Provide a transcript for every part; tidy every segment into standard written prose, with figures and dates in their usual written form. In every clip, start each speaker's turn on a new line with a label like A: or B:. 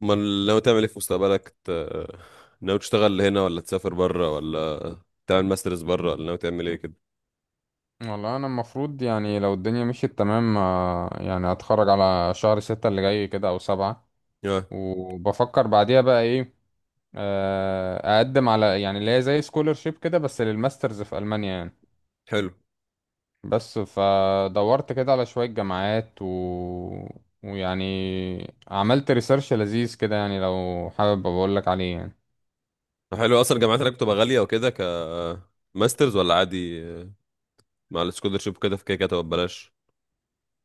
A: ما ناوي تعمل ايه في مستقبلك؟ ناوي تشتغل هنا، ولا تسافر بره، ولا تعمل ماسترز بره، ولا ناوي تعمل ايه كده؟
B: والله انا المفروض يعني لو الدنيا مشيت تمام يعني هتخرج على شهر 6 اللي جاي كده او 7
A: اه.
B: وبفكر بعديها بقى ايه. اقدم على يعني اللي هي زي سكولرشيب كده بس للماسترز في المانيا يعني.
A: حلو.
B: بس فدورت كده على شوية جامعات ويعني عملت ريسيرش لذيذ كده يعني لو حابب بقول لك عليه يعني.
A: حلو، اصلا الجامعات هناك بتبقى غاليه وكده، ماسترز ولا عادي؟ مع السكولرشيب كده، في كده كده تبقى ببلاش.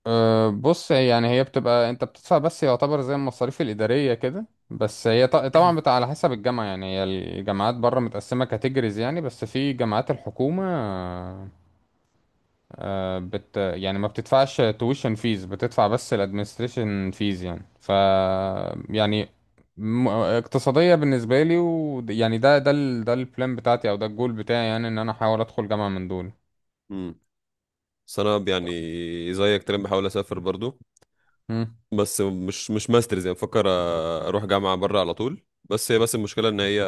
B: بص يعني هي بتبقى انت بتدفع بس يعتبر زي المصاريف الإدارية كده بس هي طبعا بتبقى على حسب الجامعة يعني هي الجامعات بره متقسمة كاتيجوريز يعني بس في جامعات الحكومة. يعني ما بتدفعش تويشن فيز بتدفع بس الادمنستريشن فيز يعني ف يعني اقتصادية بالنسبة لي و يعني ده البلان بتاعتي او ده الجول بتاعي يعني ان انا احاول ادخل جامعة من دول.
A: امم. بس انا يعني زيك تقريبا بحاول اسافر برضو.
B: مم.
A: بس مش ماسترز، يعني بفكر اروح جامعه بره على طول. بس المشكله ان هي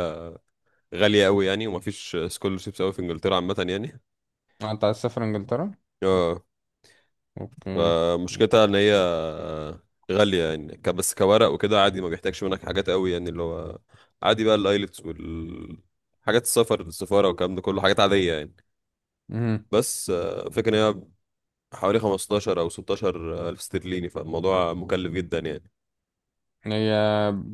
A: غاليه قوي يعني، ومفيش سكولرشيبس قوي في انجلترا عامه يعني.
B: انت عايز تسافر انجلترا؟
A: اه.
B: اوكي.
A: فمشكلتها ان هي غالية يعني، بس كورق وكده عادي، ما بيحتاجش منك حاجات قوي يعني، اللي هو عادي بقى الايلتس وال حاجات السفر، السفارة والكلام ده كله حاجات عادية يعني.
B: مم.
A: بس فكرة ان هي حوالي 15 او 16 الف استرليني، فالموضوع مكلف جدا يعني.
B: هي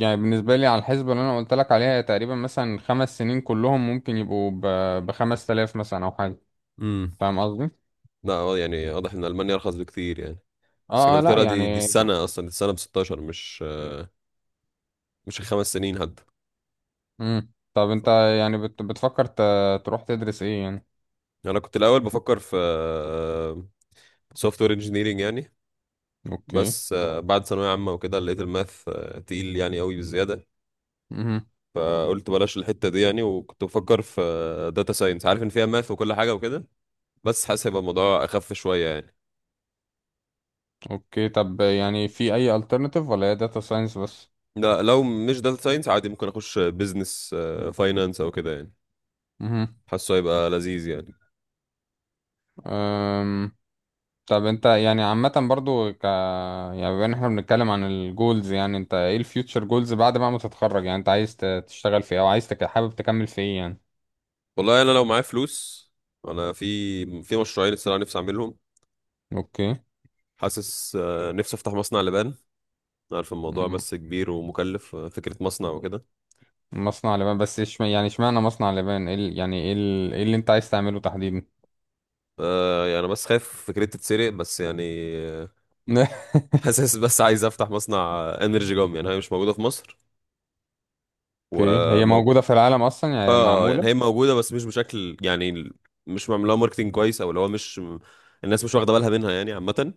B: يعني بالنسبة لي على الحسبة اللي أنا قلت لك عليها هي تقريبا مثلا 5 سنين كلهم ممكن يبقوا ب5 تلاف مثلا أو حاجة.
A: امم.
B: فاهم قصدي؟
A: لا، يعني واضح ان المانيا ارخص بكتير يعني. بس
B: اه اه لا
A: انجلترا، دي
B: يعني.
A: السنة اصلا، دي السنة ب 16، مش الخمس سنين حتى.
B: مم. طب أنت يعني بتفكر تروح تدرس إيه يعني؟
A: انا كنت الاول بفكر في سوفت وير انجينيرنج يعني.
B: أوكي.
A: بس بعد ثانوية عامة وكده، لقيت الماث تقيل يعني قوي بزيادة.
B: مم.
A: فقلت بلاش الحتة دي يعني، وكنت بفكر في داتا ساينس، عارف ان فيها ماث وكل حاجة وكده. بس حاسس هيبقى الموضوع اخف شوية يعني.
B: أوكي. طب يعني في أي alternative ولا هي داتا ساينس بس؟
A: لا، لو مش داتا ساينس عادي ممكن اخش بيزنس، فاينانس او كده يعني.
B: مم.
A: حاسه هيبقى لذيذ يعني.
B: أم... طب انت يعني عامة برضو ك يعني بما ان احنا بنتكلم عن الجولز يعني انت ايه الفيوتشر جولز بعد بقى ما تتخرج يعني انت عايز تشتغل في ايه او عايز حابب تكمل في ايه يعني.
A: والله انا لو معايا فلوس، انا في مشروعين الصراحة نفسي اعملهم.
B: اوكي.
A: حاسس نفسي افتح مصنع لبان. عارف الموضوع
B: مم.
A: بس كبير ومكلف، فكرة مصنع وكده.
B: مصنع لبان بس ايش يعني اشمعنى مصنع لبان ايه يعني ايه ايه اللي انت عايز تعمله تحديدا.
A: يعني أنا بس خايف فكرتي تتسرق بس يعني. آه، حاسس بس عايز افتح مصنع انرجي جام، يعني هي مش موجوده في مصر. و
B: اوكي، هي
A: مو...
B: موجودة في العالم اصلا
A: اه.
B: يعني معمولة.
A: يعني هي موجوده بس مش بشكل يعني، مش معمول لها ماركتنج كويس، او اللي هو مش الناس مش واخده بالها منها يعني عامه.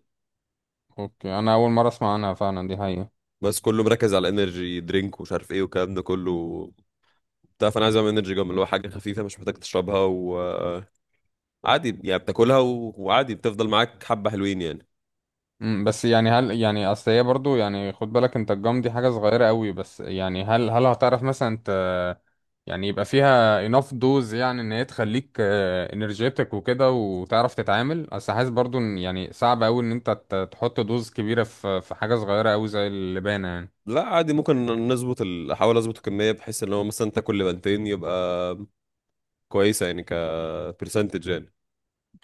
B: اوكي، انا اول مرة اسمع عنها فعلا دي حقيقة.
A: بس كله مركز على انرجي درينك ومش عارف ايه والكلام ده كله بتاع، فانا عايز اعمل انرجي جام اللي هو حاجه خفيفه مش محتاج تشربها وعادي يعني، بتاكلها و... وعادي بتفضل معاك، حبه حلوين يعني.
B: بس يعني هل يعني اصل هي برضو يعني خد بالك انت الجام دي حاجة صغيرة قوي بس يعني هل هتعرف مثلا ت يعني يبقى فيها enough dose يعني ان هي تخليك انرجيتك وكده وتعرف تتعامل، اصل حاسس برضو ان يعني صعب قوي ان انت تحط دوز كبيرة في حاجة صغيرة قوي زي اللبانة يعني.
A: لا عادي، ممكن نظبط احاول اظبط الكميه، بحيث ان هو مثلا انت كل بنتين يبقى كويسه يعني، كبرسنتج يعني.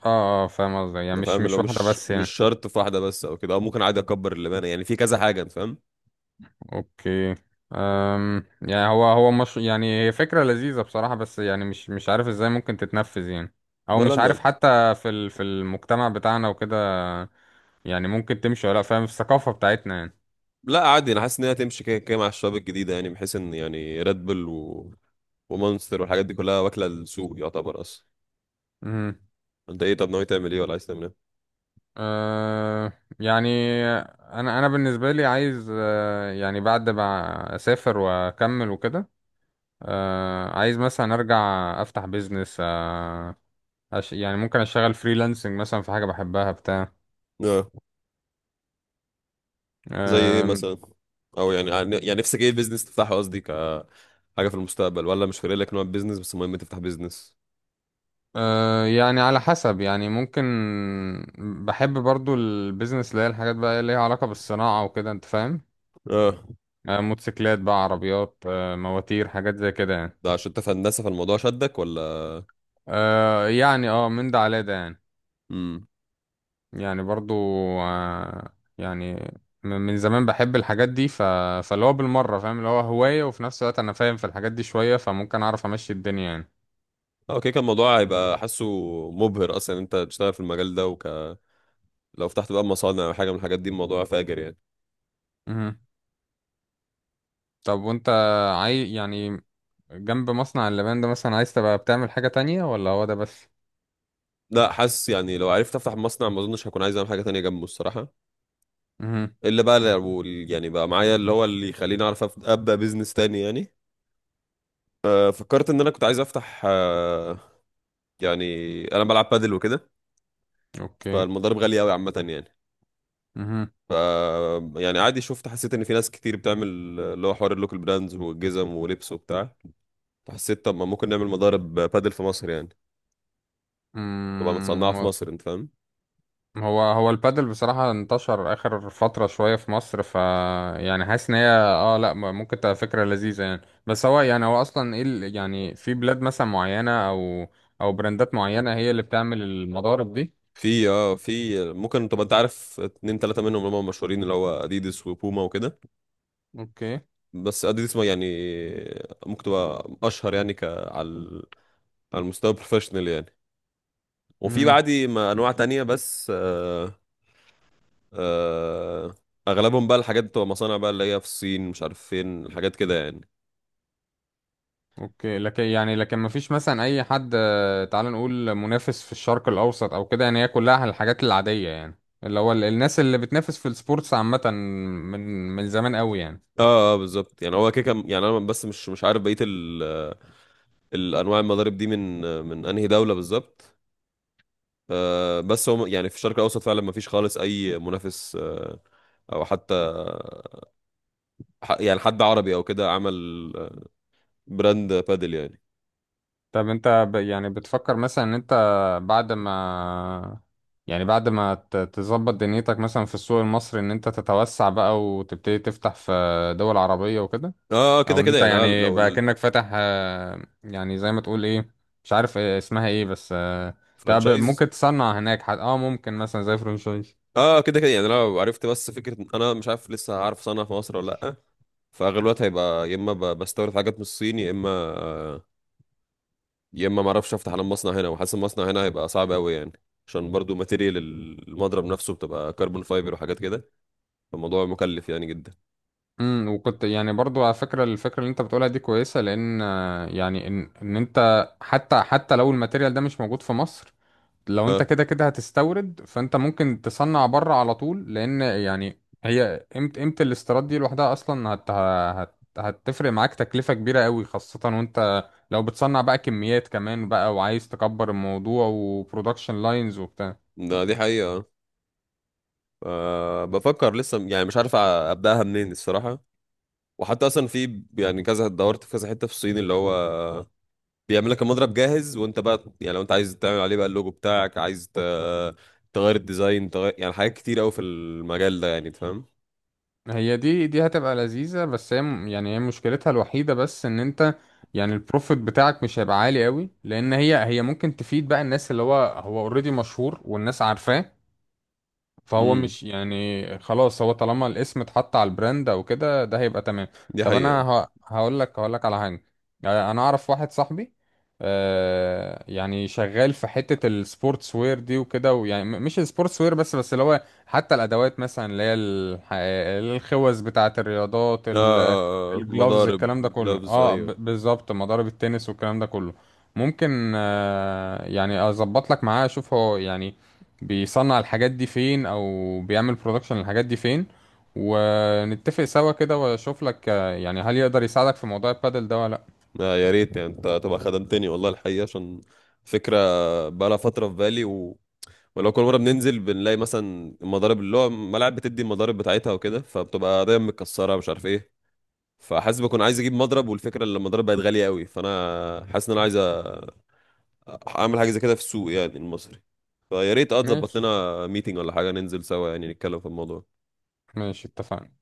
B: اه اه فاهم قصدي يعني
A: انت
B: مش
A: فاهم اللي
B: مش
A: هو
B: واحدة
A: مش
B: بس
A: مش
B: يعني.
A: شرط في واحده بس او كده، او ممكن عادي اكبر اللبانه يعني في كذا حاجه، انت فاهم.
B: اوكي. يعني هو مش يعني هي فكرة لذيذة بصراحة بس يعني مش عارف ازاي ممكن تتنفذ يعني. او
A: ولا
B: مش عارف
A: انا.
B: حتى في في المجتمع بتاعنا وكده يعني ممكن تمشي ولا لأ، فاهم في الثقافة بتاعتنا يعني.
A: لا عادي، انا حاسس ان هي هتمشي كده كده مع الشباب الجديده يعني، بحيث ان يعني ريد بل ومونستر والحاجات دي كلها واكله السوق يعتبر اصلا.
B: امم.
A: انت ايه طب، ناوي تعمل ايه ولا عايز تعمل ايه؟
B: أه يعني انا بالنسبة لي عايز يعني بعد ما اسافر واكمل وكده. عايز مثلا ارجع افتح بيزنس. يعني ممكن اشتغل فريلانسنج مثلا في حاجة بحبها بتاع.
A: اه. زي ايه مثلا؟ او يعني نفسك ايه البيزنس تفتحه، قصدي حاجه في المستقبل، ولا مش فارق لك نوع البيزنس بس المهم تفتح بيزنس؟
B: أه يعني على حسب يعني ممكن بحب برضو البيزنس اللي هي الحاجات بقى اللي ليها علاقة بالصناعة وكده انت فاهم.
A: اه.
B: موتوسيكلات بقى عربيات مواتير حاجات زي كده يعني.
A: ده عشان انت في هندسه فالموضوع شدك، ولا؟
B: أه يعني اه من ده على ده يعني.
A: امم.
B: يعني برضو أه يعني من زمان بحب الحاجات دي فاللي هو بالمرة فاهم اللي هو هواية وفي نفس الوقت انا فاهم في الحاجات دي شوية فممكن اعرف امشي الدنيا يعني.
A: اه، كده كان الموضوع هيبقى حاسه مبهر اصلا ان انت تشتغل في المجال ده، لو فتحت بقى مصانع او حاجه من الحاجات دي، الموضوع فاجر يعني.
B: مهم. طب وانت عاي يعني جنب مصنع اللبان ده مثلا عايز تبقى بتعمل حاجة تانية ولا هو ده بس.
A: لا حاسس يعني، لو عرفت افتح مصنع ما اظنش هكون عايز اعمل حاجه تانية جنبه الصراحه.
B: مهم.
A: الا بقى لو يعني بقى معايا اللي هو اللي يخليني اعرف ابدا بيزنس تاني يعني. فكرت ان انا كنت عايز افتح، يعني انا بلعب بادل وكده،
B: اوكي.
A: فالمضارب غاليه قوي عامه يعني.
B: مهم.
A: ف يعني عادي شفت حسيت ان في ناس كتير بتعمل اللي هو حوار اللوكال براندز والجزم ولبس وبتاع، فحسيت طب ما ممكن نعمل مضارب بادل في مصر يعني، تبقى متصنعه
B: مم،
A: في
B: هو
A: مصر، انت فاهم.
B: هو البادل بصراحة انتشر آخر فترة شوية في مصر ف يعني حاسس إن هي اه لأ ممكن تبقى فكرة لذيذة يعني. بس هو يعني هو أصلا إيه يعني في بلاد مثلا معينة أو أو براندات معينة هي اللي بتعمل المضارب دي.
A: في اه في ممكن طب انت عارف اتنين تلاته منهم اللي هم مشهورين، اللي هو اديدس وبوما وكده.
B: اوكي.
A: بس اديدس ما يعني ممكن تبقى اشهر يعني، على المستوى البروفيشنال يعني. وفي
B: مهم.
A: بعدي ما انواع تانية بس آه اغلبهم بقى الحاجات بتبقى مصانع بقى اللي هي في الصين، مش عارف فين الحاجات كده يعني.
B: اوكي، لكن يعني لكن ما فيش مثلا اي حد، تعال نقول منافس في الشرق الاوسط او كده يعني هي كلها الحاجات العادية يعني. اللي هو الناس اللي بتنافس في السبورتس عامة من زمان قوي يعني.
A: اه اه بالظبط يعني، هو كده يعني انا بس مش عارف بقيه الانواع المضارب دي من انهي دوله بالظبط. بس هو يعني في الشرق الاوسط فعلا ما فيش خالص اي منافس، او حتى يعني حد عربي او كده عمل براند بادل يعني.
B: طب انت ب يعني بتفكر مثلا ان انت بعد ما يعني بعد ما تظبط دنيتك مثلا في السوق المصري ان انت تتوسع بقى وتبتدي تفتح في دول عربية وكده.
A: اه،
B: او
A: كده
B: ان
A: كده
B: انت
A: يعني انا
B: يعني
A: لو.
B: بقى كأنك فاتح، يعني زي ما تقول ايه، مش عارف إيه اسمها ايه بس. طب
A: الفرانشايز.
B: ممكن تصنع هناك حد اه ممكن مثلا زي فرنشايز.
A: اه، كده كده يعني انا لو عرفت، بس فكره إن انا مش عارف لسه هعرف صنع في مصر ولا لا. فاغلب الوقت هيبقى يا اما بستورد حاجات من الصين، يا اما ما اعرفش افتح على المصنع هنا. وحاسس المصنع هنا هيبقى صعب قوي يعني، عشان برضو ماتيريال المضرب نفسه بتبقى كربون فايبر وحاجات كده، فالموضوع مكلف يعني جدا.
B: وكنت يعني برضو على فكرة الفكرة اللي انت بتقولها دي كويسة لان يعني ان انت حتى لو الماتيريال ده مش موجود في مصر. لو انت
A: اه.
B: كده كده هتستورد فانت ممكن تصنع بره على طول لان يعني هي قيمة الاستيراد دي لوحدها اصلا هتفرق معاك تكلفة كبيرة قوي خاصة وانت لو بتصنع بقى كميات كمان بقى وعايز تكبر الموضوع وبرودكشن لاينز وبتاع.
A: دي حقيقة. بفكر لسه يعني، مش عارف ابداها منين الصراحة. وحتى اصلا في يعني كذا، دورت في كذا حتة في الصين اللي هو بيعمل لك المضرب جاهز، وانت بقى يعني لو انت عايز تعمل عليه بقى اللوجو بتاعك، عايز تغير الديزاين، تغير يعني حاجات كتير قوي في المجال ده يعني تفهم.
B: هي دي هتبقى لذيذة بس هي يعني هي مشكلتها الوحيدة بس ان انت يعني البروفيت بتاعك مش هيبقى عالي قوي لان هي ممكن تفيد بقى الناس اللي هو هو اوريدي مشهور والناس عارفاه. فهو
A: امم.
B: مش يعني خلاص هو طالما الاسم اتحط على البراند او كده ده هيبقى تمام.
A: دي
B: طب انا
A: حقيقة.
B: هقول لك على حاجه. انا اعرف واحد صاحبي. يعني شغال في حته السبورتس وير دي وكده ويعني مش السبورتس وير بس اللي هو حتى الادوات مثلا اللي هي الخوذ بتاعه الرياضات
A: اه،
B: الجلوفز
A: مضارب
B: الكلام ده كله
A: جلافز
B: اه
A: ايوه.
B: بالظبط مضارب التنس والكلام ده كله. ممكن يعني اظبط لك معاه اشوف هو يعني بيصنع الحاجات دي فين او بيعمل برودكشن الحاجات دي فين. ونتفق سوا كده واشوف لك يعني هل يقدر يساعدك في موضوع البادل ده ولا لا.
A: يا ريت يعني انت تبقى خدمتني والله الحقيقه، عشان فكره بقالها فتره في بالي، ولو كل مره بننزل بنلاقي مثلا المضارب، اللي هو ملاعب بتدي المضارب بتاعتها وكده، فبتبقى دايما متكسره مش عارف ايه. فحاسس بكون عايز اجيب مضرب، والفكره ان المضارب بقت غاليه قوي، فانا حاسس ان انا عايز اعمل حاجه زي كده في السوق يعني المصري. فيا ريت اه تظبط
B: ماشي.
A: لنا ميتنج ولا حاجه، ننزل سوا يعني نتكلم في الموضوع.
B: ماشي اتفقنا.